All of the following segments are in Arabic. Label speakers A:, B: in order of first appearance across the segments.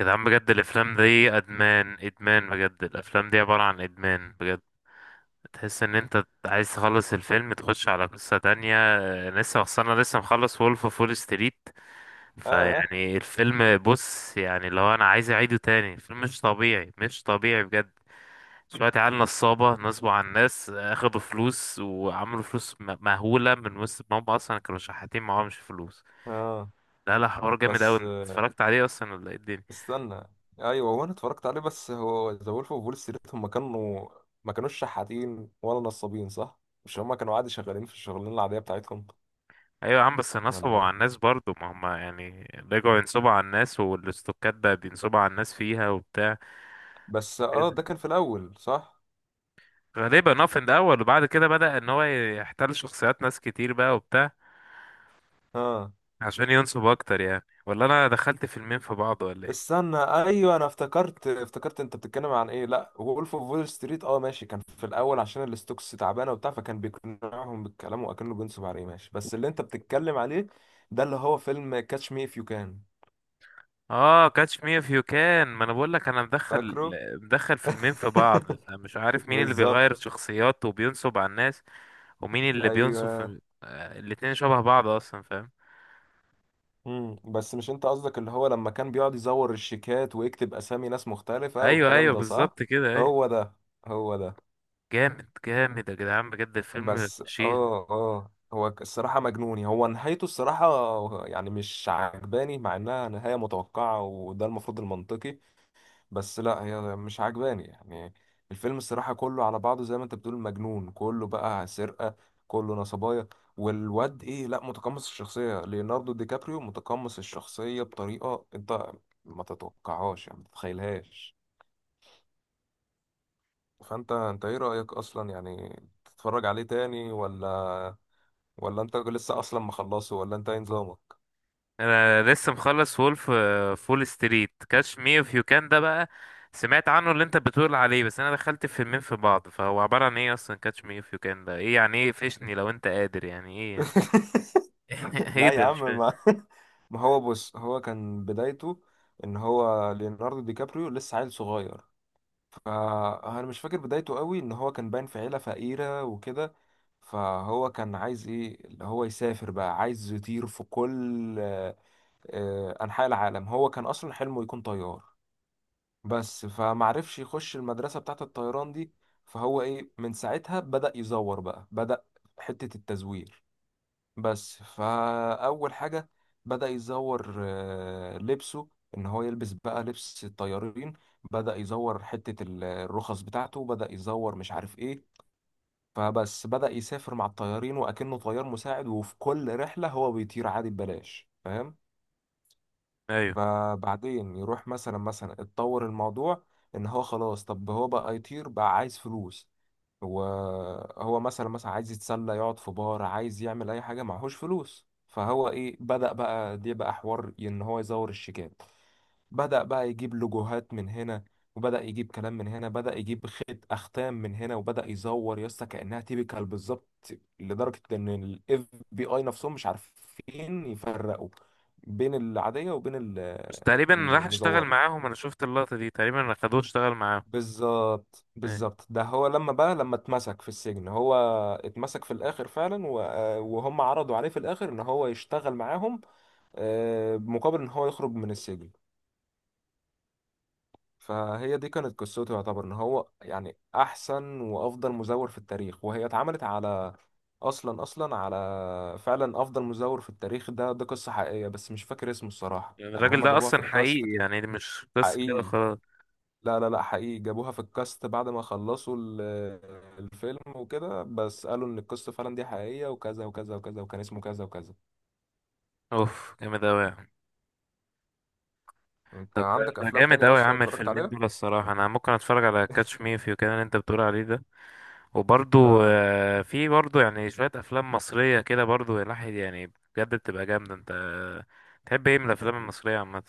A: يا جدعان، بجد الافلام دي ادمان ادمان، بجد الافلام دي عبارة عن ادمان بجد. تحس ان انت عايز تخلص الفيلم تخش على قصة تانية. لسه انا لسه مخلص وولف اوف وول ستريت.
B: اه
A: فيعني الفيلم، بص يعني لو انا عايز اعيده تاني، الفيلم مش طبيعي، مش طبيعي بجد. شوية عيال نصابة نصبوا على الناس، اخدوا فلوس وعملوا فلوس مهولة من وسط ما هم اصلا كانوا شحاتين معهمش فلوس.
B: اه
A: لا لا، حوار جامد اوي،
B: بس
A: انت
B: آه،
A: اتفرجت عليه اصلا ولا ايه الدنيا؟
B: استنى. ايوه، هو انا اتفرجت عليه، بس هو ذا وولف اوف وول ستريت هم كانوا، ما كانوش شحاتين ولا نصابين صح؟ مش هم كانوا عادي شغالين في الشغلانه العاديه بتاعتهم
A: ايوه يا عم، بس
B: ولا
A: نصبوا
B: ايه؟
A: على الناس برضو، ما هم يعني رجعوا ينصبوا على الناس، والاستوكات ده بينصبوا على الناس فيها وبتاع
B: بس
A: كده.
B: ده كان في الاول صح.
A: غالبا اه في الاول، وبعد كده بدأ ان هو يحتل شخصيات ناس كتير بقى وبتاع
B: اه
A: عشان ينصب اكتر يعني. ولا انا دخلت فيلمين في بعض ولا ايه؟
B: استنى، ايوه انا افتكرت، انت بتتكلم عن ايه. لا وولف اوف وول ستريت، ماشي، كان في الاول عشان الستوكس تعبانه وبتاع، فكان بيقنعهم بالكلام وكانه بينصب عليه. ماشي، بس اللي انت بتتكلم عليه ده اللي هو فيلم كاتش مي اف يو كان،
A: اه كاتش مي اف يو كان. ما انا بقول لك انا مدخل
B: فاكره؟
A: مدخل فيلمين في بعض، فمش عارف مين اللي
B: بالظبط.
A: بيغير شخصياته وبينصب على الناس، ومين اللي بينصب
B: ايوه
A: الاتنين شبه بعض اصلا، فاهم.
B: مم. بس مش انت قصدك اللي هو لما كان بيقعد يزور الشيكات ويكتب اسامي ناس مختلفة
A: ايوه
B: والكلام
A: ايوه،
B: ده صح؟
A: بالظبط كده، ايوه.
B: هو ده، هو ده.
A: جامد جامد يا جدعان، بجد الفيلم
B: بس
A: فشيخ.
B: هو الصراحة مجنوني، هو نهايته الصراحة يعني مش عجباني، مع انها نهاية متوقعة وده المفروض المنطقي، بس لا هي مش عجباني يعني. الفيلم الصراحة كله على بعضه زي ما انت بتقول مجنون، كله بقى سرقة، كله نصبايا. والواد ايه، لا متقمص الشخصية، ليوناردو دي كابريو متقمص الشخصية بطريقة انت ما تتوقعهاش يعني، ما تتخيلهاش. فانت ايه رأيك اصلا يعني؟ تتفرج عليه تاني ولا؟ ولا انت لسه اصلا مخلصه، ولا انت ايه نظامك؟
A: انا لسه مخلص وولف فول ستريت. كاتش مي اوف يو كان ده بقى سمعت عنه اللي انت بتقول عليه، بس انا دخلت الفيلمين في بعض، فهو عبارة عن ايه اصلا؟ كاتش مي اوف يو كان ده ايه يعني؟ ايه؟ فشني لو انت قادر يعني، ايه؟ ايه
B: لا يا
A: ده، مش
B: عم،
A: فاهم.
B: ما ما هو بص، هو كان بدايته ان هو ليوناردو دي كابريو لسه عيل صغير، فانا مش فاكر بدايته قوي، ان هو كان باين في عيله فقيره وكده. فهو كان عايز ايه، اللي هو يسافر بقى، عايز يطير في كل انحاء العالم. هو كان اصلا حلمه يكون طيار بس، فمعرفش يخش المدرسه بتاعه الطيران دي. فهو ايه، من ساعتها بدأ يزور بقى، حته التزوير بس. فأول حاجة بدأ يزور لبسه، إن هو يلبس بقى لبس الطيارين. بدأ يزور حتة الرخص بتاعته، بدأ يزور مش عارف إيه. فبس بدأ يسافر مع الطيارين وأكنه طيار مساعد، وفي كل رحلة هو بيطير عادي ببلاش، فاهم؟
A: ايوه.
B: فبعدين يروح مثلا، اتطور الموضوع، إن هو خلاص طب هو بقى يطير بقى، عايز فلوس. وهو مثلا، عايز يتسلى يقعد في بار، عايز يعمل اي حاجه معهوش فلوس. فهو ايه، بدأ بقى دي بقى حوار ان هو يزور الشيكات. بدأ بقى يجيب لوجوهات من هنا، وبدأ يجيب كلام من هنا، بدأ يجيب خيط أختام من هنا، وبدأ يزور يا اسطى كأنها تيبيكال بالظبط، لدرجة إن ال FBI نفسهم مش عارفين يفرقوا بين العادية وبين
A: بس تقريبا راح اشتغل
B: المزورة.
A: معاهم، انا شفت اللقطة دي، تقريبا خدوه اشتغل معاهم.
B: بالظبط،
A: ايه؟
B: بالظبط. ده هو لما بقى، لما اتمسك في السجن، هو اتمسك في الاخر فعلا وهم عرضوا عليه في الاخر ان هو يشتغل معاهم، مقابل ان هو يخرج من السجن. فهي دي كانت قصته، يعتبر ان هو يعني احسن وافضل مزور في التاريخ، وهي اتعملت على اصلا اصلا على فعلا افضل مزور في التاريخ. ده ده قصة حقيقية، بس مش فاكر اسمه الصراحة
A: يعني
B: يعني،
A: الراجل
B: هم
A: ده
B: جابوها في
A: اصلا
B: الكاست
A: حقيقي
B: كده.
A: يعني؟ دي مش قصة كده
B: حقيقي،
A: خلاص؟
B: لا لا لا، حقيقي، جابوها في الكاست بعد ما خلصوا الفيلم وكده، بس قالوا ان القصة فعلا دي حقيقية وكذا وكذا وكذا، وكان اسمه كذا وكذا.
A: اوف، جامد اوي يعني.
B: انت
A: طب ده
B: عندك
A: ده
B: افلام
A: جامد
B: تانية
A: أوي يا
B: اصلا
A: عم،
B: اتفرجت
A: الفيلمين
B: عليها؟
A: دول الصراحة أنا ممكن أتفرج على كاتش مي إف يو كان اللي أنت بتقول عليه ده. وبرضو
B: اه
A: في برضو يعني شوية أفلام مصرية كده، برضو الواحد يعني بجد بتبقى جامدة. أنت تحب إيه من الأفلام المصرية عامة؟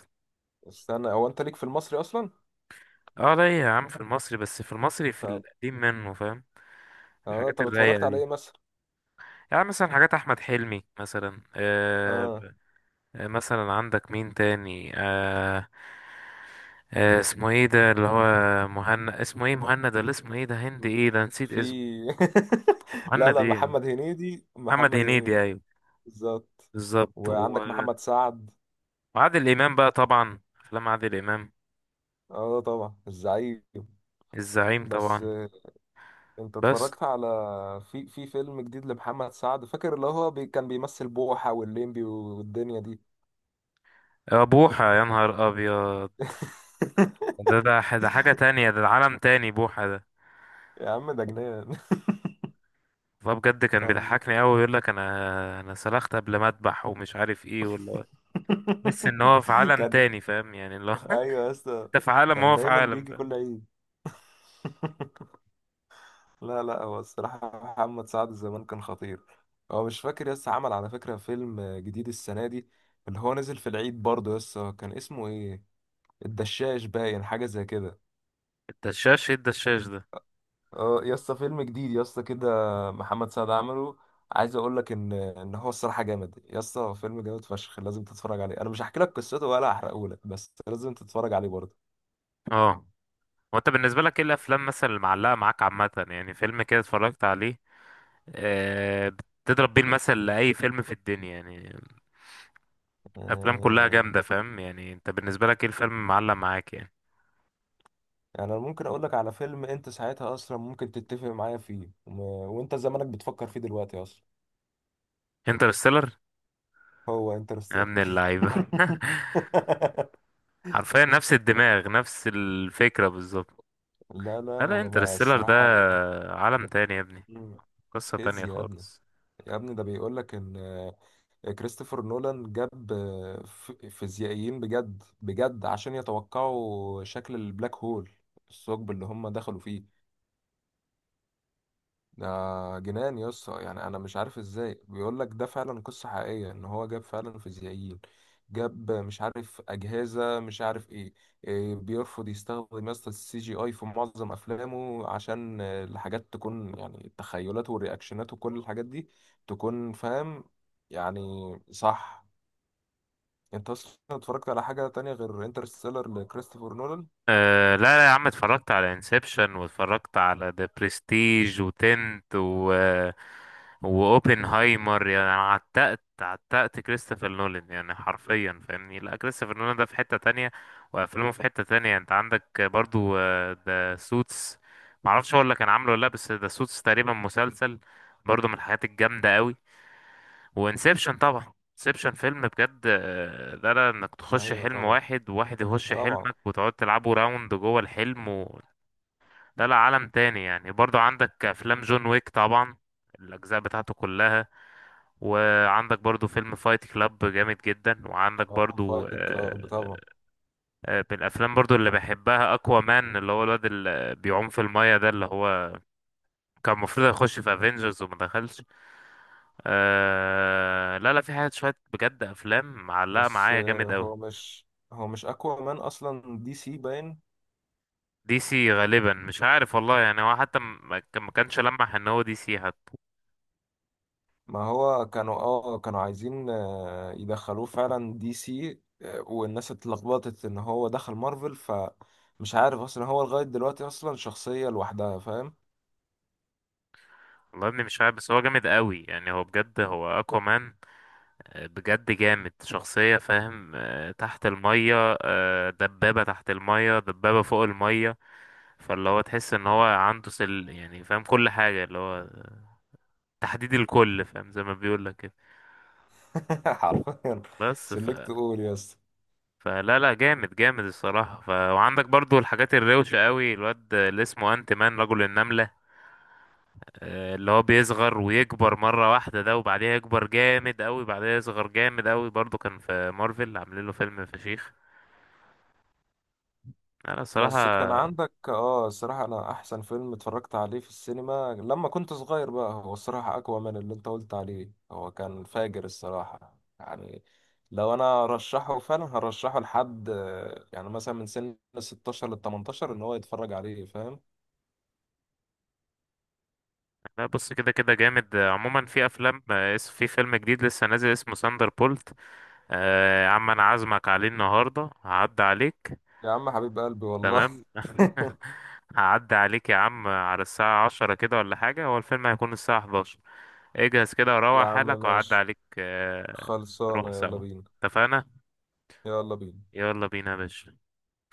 B: استنى، هو انت ليك في المصري اصلا؟
A: أه ليا يا عم في المصري، بس في المصري في
B: طب
A: القديم منه، فاهم.
B: اه
A: الحاجات
B: طب اتفرجت
A: الرايقة
B: على
A: دي،
B: ايه مثلا؟
A: يعني مثلا حاجات أحمد حلمي مثلا.
B: اه
A: مثلا عندك مين تاني؟ آه، آه اسمه ايه ده اللي هو مهند، اسمه ايه؟ مهند ولا اسمه ايه ده؟ هند
B: م-
A: ايه ده، نسيت
B: في
A: اسمه.
B: لا
A: مهند
B: لا،
A: ايه؟
B: محمد هنيدي،
A: محمد
B: محمد
A: هنيدي،
B: هنيدي.
A: ايوه،
B: بالظبط.
A: بالظبط.
B: وعندك
A: و-
B: محمد سعد.
A: وعادل امام بقى، طبعا افلام عادل امام.
B: اه طبعا، الزعيم.
A: الزعيم
B: بس
A: طبعا.
B: انت
A: بس
B: اتفرجت على، في فيلم جديد لمحمد سعد، فاكر اللي هو بي كان بيمثل بوحة والليمبي والدنيا دي؟
A: بوحة، يا نهار ابيض. ده ده ده حاجة تانية، ده عالم تاني بوحة ده.
B: يا عم ده جنان.
A: والله بجد كان
B: كان
A: بيضحكني قوي، يقول لك انا انا سلخت قبل ما اذبح ومش عارف ايه ولا. تحس ان هو في عالم
B: كان،
A: تاني، فاهم يعني اللي هو
B: ايوه يا اسطى،
A: انت في عالم
B: كان
A: وهو في
B: دايما
A: عالم،
B: بيجي
A: فاهم.
B: كل عيد. لا لا، هو الصراحة محمد سعد زمان كان خطير. هو مش فاكر يسا عمل على فكرة فيلم جديد السنة دي اللي هو نزل في العيد برضه يسا، كان اسمه ايه، الدشاش باين حاجة زي كده.
A: الدشاش ايه الدشاش ده؟
B: اه يا اسطى فيلم جديد يا اسطى كده، محمد سعد عمله. عايز اقول لك ان هو الصراحه جامد يا اسطى، هو فيلم جامد فشخ، لازم تتفرج عليه، انا مش هحكي لك قصته ولا هحرقه لك، بس لازم تتفرج عليه برضه.
A: اه. هو انت بالنسبه لك ايه الافلام مثلا اللي معلقه معاك عامه يعني، فيلم كده اتفرجت عليه، آه، بتضرب بيه المثل لاي فيلم في الدنيا يعني، افلام كلها
B: آه،
A: جامده، فاهم يعني، انت بالنسبه لك ايه الفيلم اللي معلق معاك يعني؟
B: يعني انا ممكن اقول لك على فيلم انت ساعتها اصلا ممكن تتفق معايا فيه، وانت زمانك بتفكر فيه دلوقتي اصلا.
A: انترستيلر.
B: هو
A: يا
B: انترستيلر.
A: ابن اللعيبه. حرفيا نفس الدماغ، نفس الفكره بالظبط.
B: لا لا،
A: لا لا
B: هو ما
A: انترستيلر ده
B: الصراحه
A: عالم تاني يا ابني.
B: مم.
A: قصه تانية
B: فيزياء يا ابني،
A: خالص.
B: يا ابني ده بيقول لك ان كريستوفر نولان جاب فيزيائيين بجد بجد عشان يتوقعوا شكل البلاك هول، الثقب اللي هم دخلوا فيه. ده جنان يا اسطى يعني، انا مش عارف ازاي بيقول لك ده فعلا قصة حقيقية، ان هو جاب فعلا فيزيائيين، جاب مش عارف اجهزة مش عارف ايه، إيه، بيرفض يستخدم يسطا السي جي اي في معظم افلامه عشان الحاجات تكون يعني التخيلات والرياكشنات وكل الحاجات دي تكون فاهم يعني، صح؟ انت اصلا اتفرجت على حاجة تانية غير انترستيلر لكريستوفر نولان؟
A: أه لا لا يا عم، اتفرجت على انسبشن، واتفرجت على ذا بريستيج، وتنت، و واوبنهايمر يعني. أنا عتقت عتقت كريستوفر نولان يعني حرفيا، فاهمني. لا، كريستوفر نولان ده في حتة تانية، وافلامه في حتة تانية. انت عندك برضو ذا سوتس، معرفش هو اللي كان عامله ولا لا، بس ذا سوتس تقريبا مسلسل، برضو من الحاجات الجامدة قوي. وانسبشن طبعا. انسبشن فيلم بجد، ده لا، انك تخش
B: ايوه
A: حلم
B: طبعا،
A: واحد وواحد يخش
B: طبعا.
A: حلمك وتقعد تلعبوا راوند جوه الحلم و... ده لا عالم تاني يعني. برضو عندك افلام جون ويك طبعا، الاجزاء بتاعته كلها. وعندك برضو فيلم فايت كلاب جامد جدا. وعندك
B: اه
A: برضو
B: فايت كلاب طبعا.
A: من الافلام برضو اللي بحبها اكوا مان، اللي هو الواد اللي بيعوم في المايه ده، اللي هو كان المفروض يخش في افنجرز وما دخلش. آه لا لا، في حاجات شوية بجد، أفلام معلقة
B: بس
A: معايا جامد أوي.
B: هو مش اقوى مان اصلا دي سي باين؟
A: دي سي غالبا، مش عارف والله يعني، هو حتى ما كانش لمح ان هو دي سي حتى.
B: ما هو كانوا، كانوا عايزين يدخلوه فعلا دي سي، والناس اتلخبطت ان هو دخل مارفل، فمش عارف اصلا هو لغاية دلوقتي اصلا شخصية لوحدها فاهم.
A: والله يا ابني مش عارف، بس هو جامد أوي يعني. هو بجد هو اكوامان، بجد جامد شخصية، فاهم. تحت المية، دبابة تحت المية، دبابة فوق المية. فاللي هو تحس ان هو عنده سل يعني، فاهم كل حاجة اللي هو تحديد الكل، فاهم، زي ما بيقول لك كده.
B: حرفيا،
A: بس،
B: سلكت قول يس.
A: فلا لا، جامد جامد الصراحة ف... وعندك برضو الحاجات الروشة قوي، الواد اللي اسمه انت مان، رجل النملة. اللي هو بيصغر ويكبر مرة واحدة ده، وبعديها يكبر جامد قوي، بعديها يصغر جامد قوي. برضو كان في مارفل عاملين له فيلم فشيخ. لا لا الصراحة.
B: بس كان عندك الصراحة انا احسن فيلم اتفرجت عليه في السينما لما كنت صغير بقى هو، الصراحة اقوى من اللي انت قلت عليه، هو كان فاجر الصراحة يعني. لو انا رشحه فعلا هرشحه لحد يعني مثلا من سن 16 ل 18 ان هو يتفرج عليه فاهم.
A: لا بص كده كده جامد. عموما في أفلام في فيلم جديد لسه نازل اسمه ساندر بولت. يا عم أنا عازمك عليه النهاردة، هعدي عليك.
B: يا عم حبيب قلبي والله.
A: تمام. هعدي عليك يا عم على الساعة 10 كده ولا حاجة، هو الفيلم هيكون الساعة 11. اجهز كده
B: يا
A: وروح
B: عم
A: حالك وأعدي
B: ماشي،
A: عليك نروح
B: خلصانة، يلا
A: سوا.
B: بينا،
A: اتفقنا.
B: يلا بينا.
A: يلا بينا يا باشا.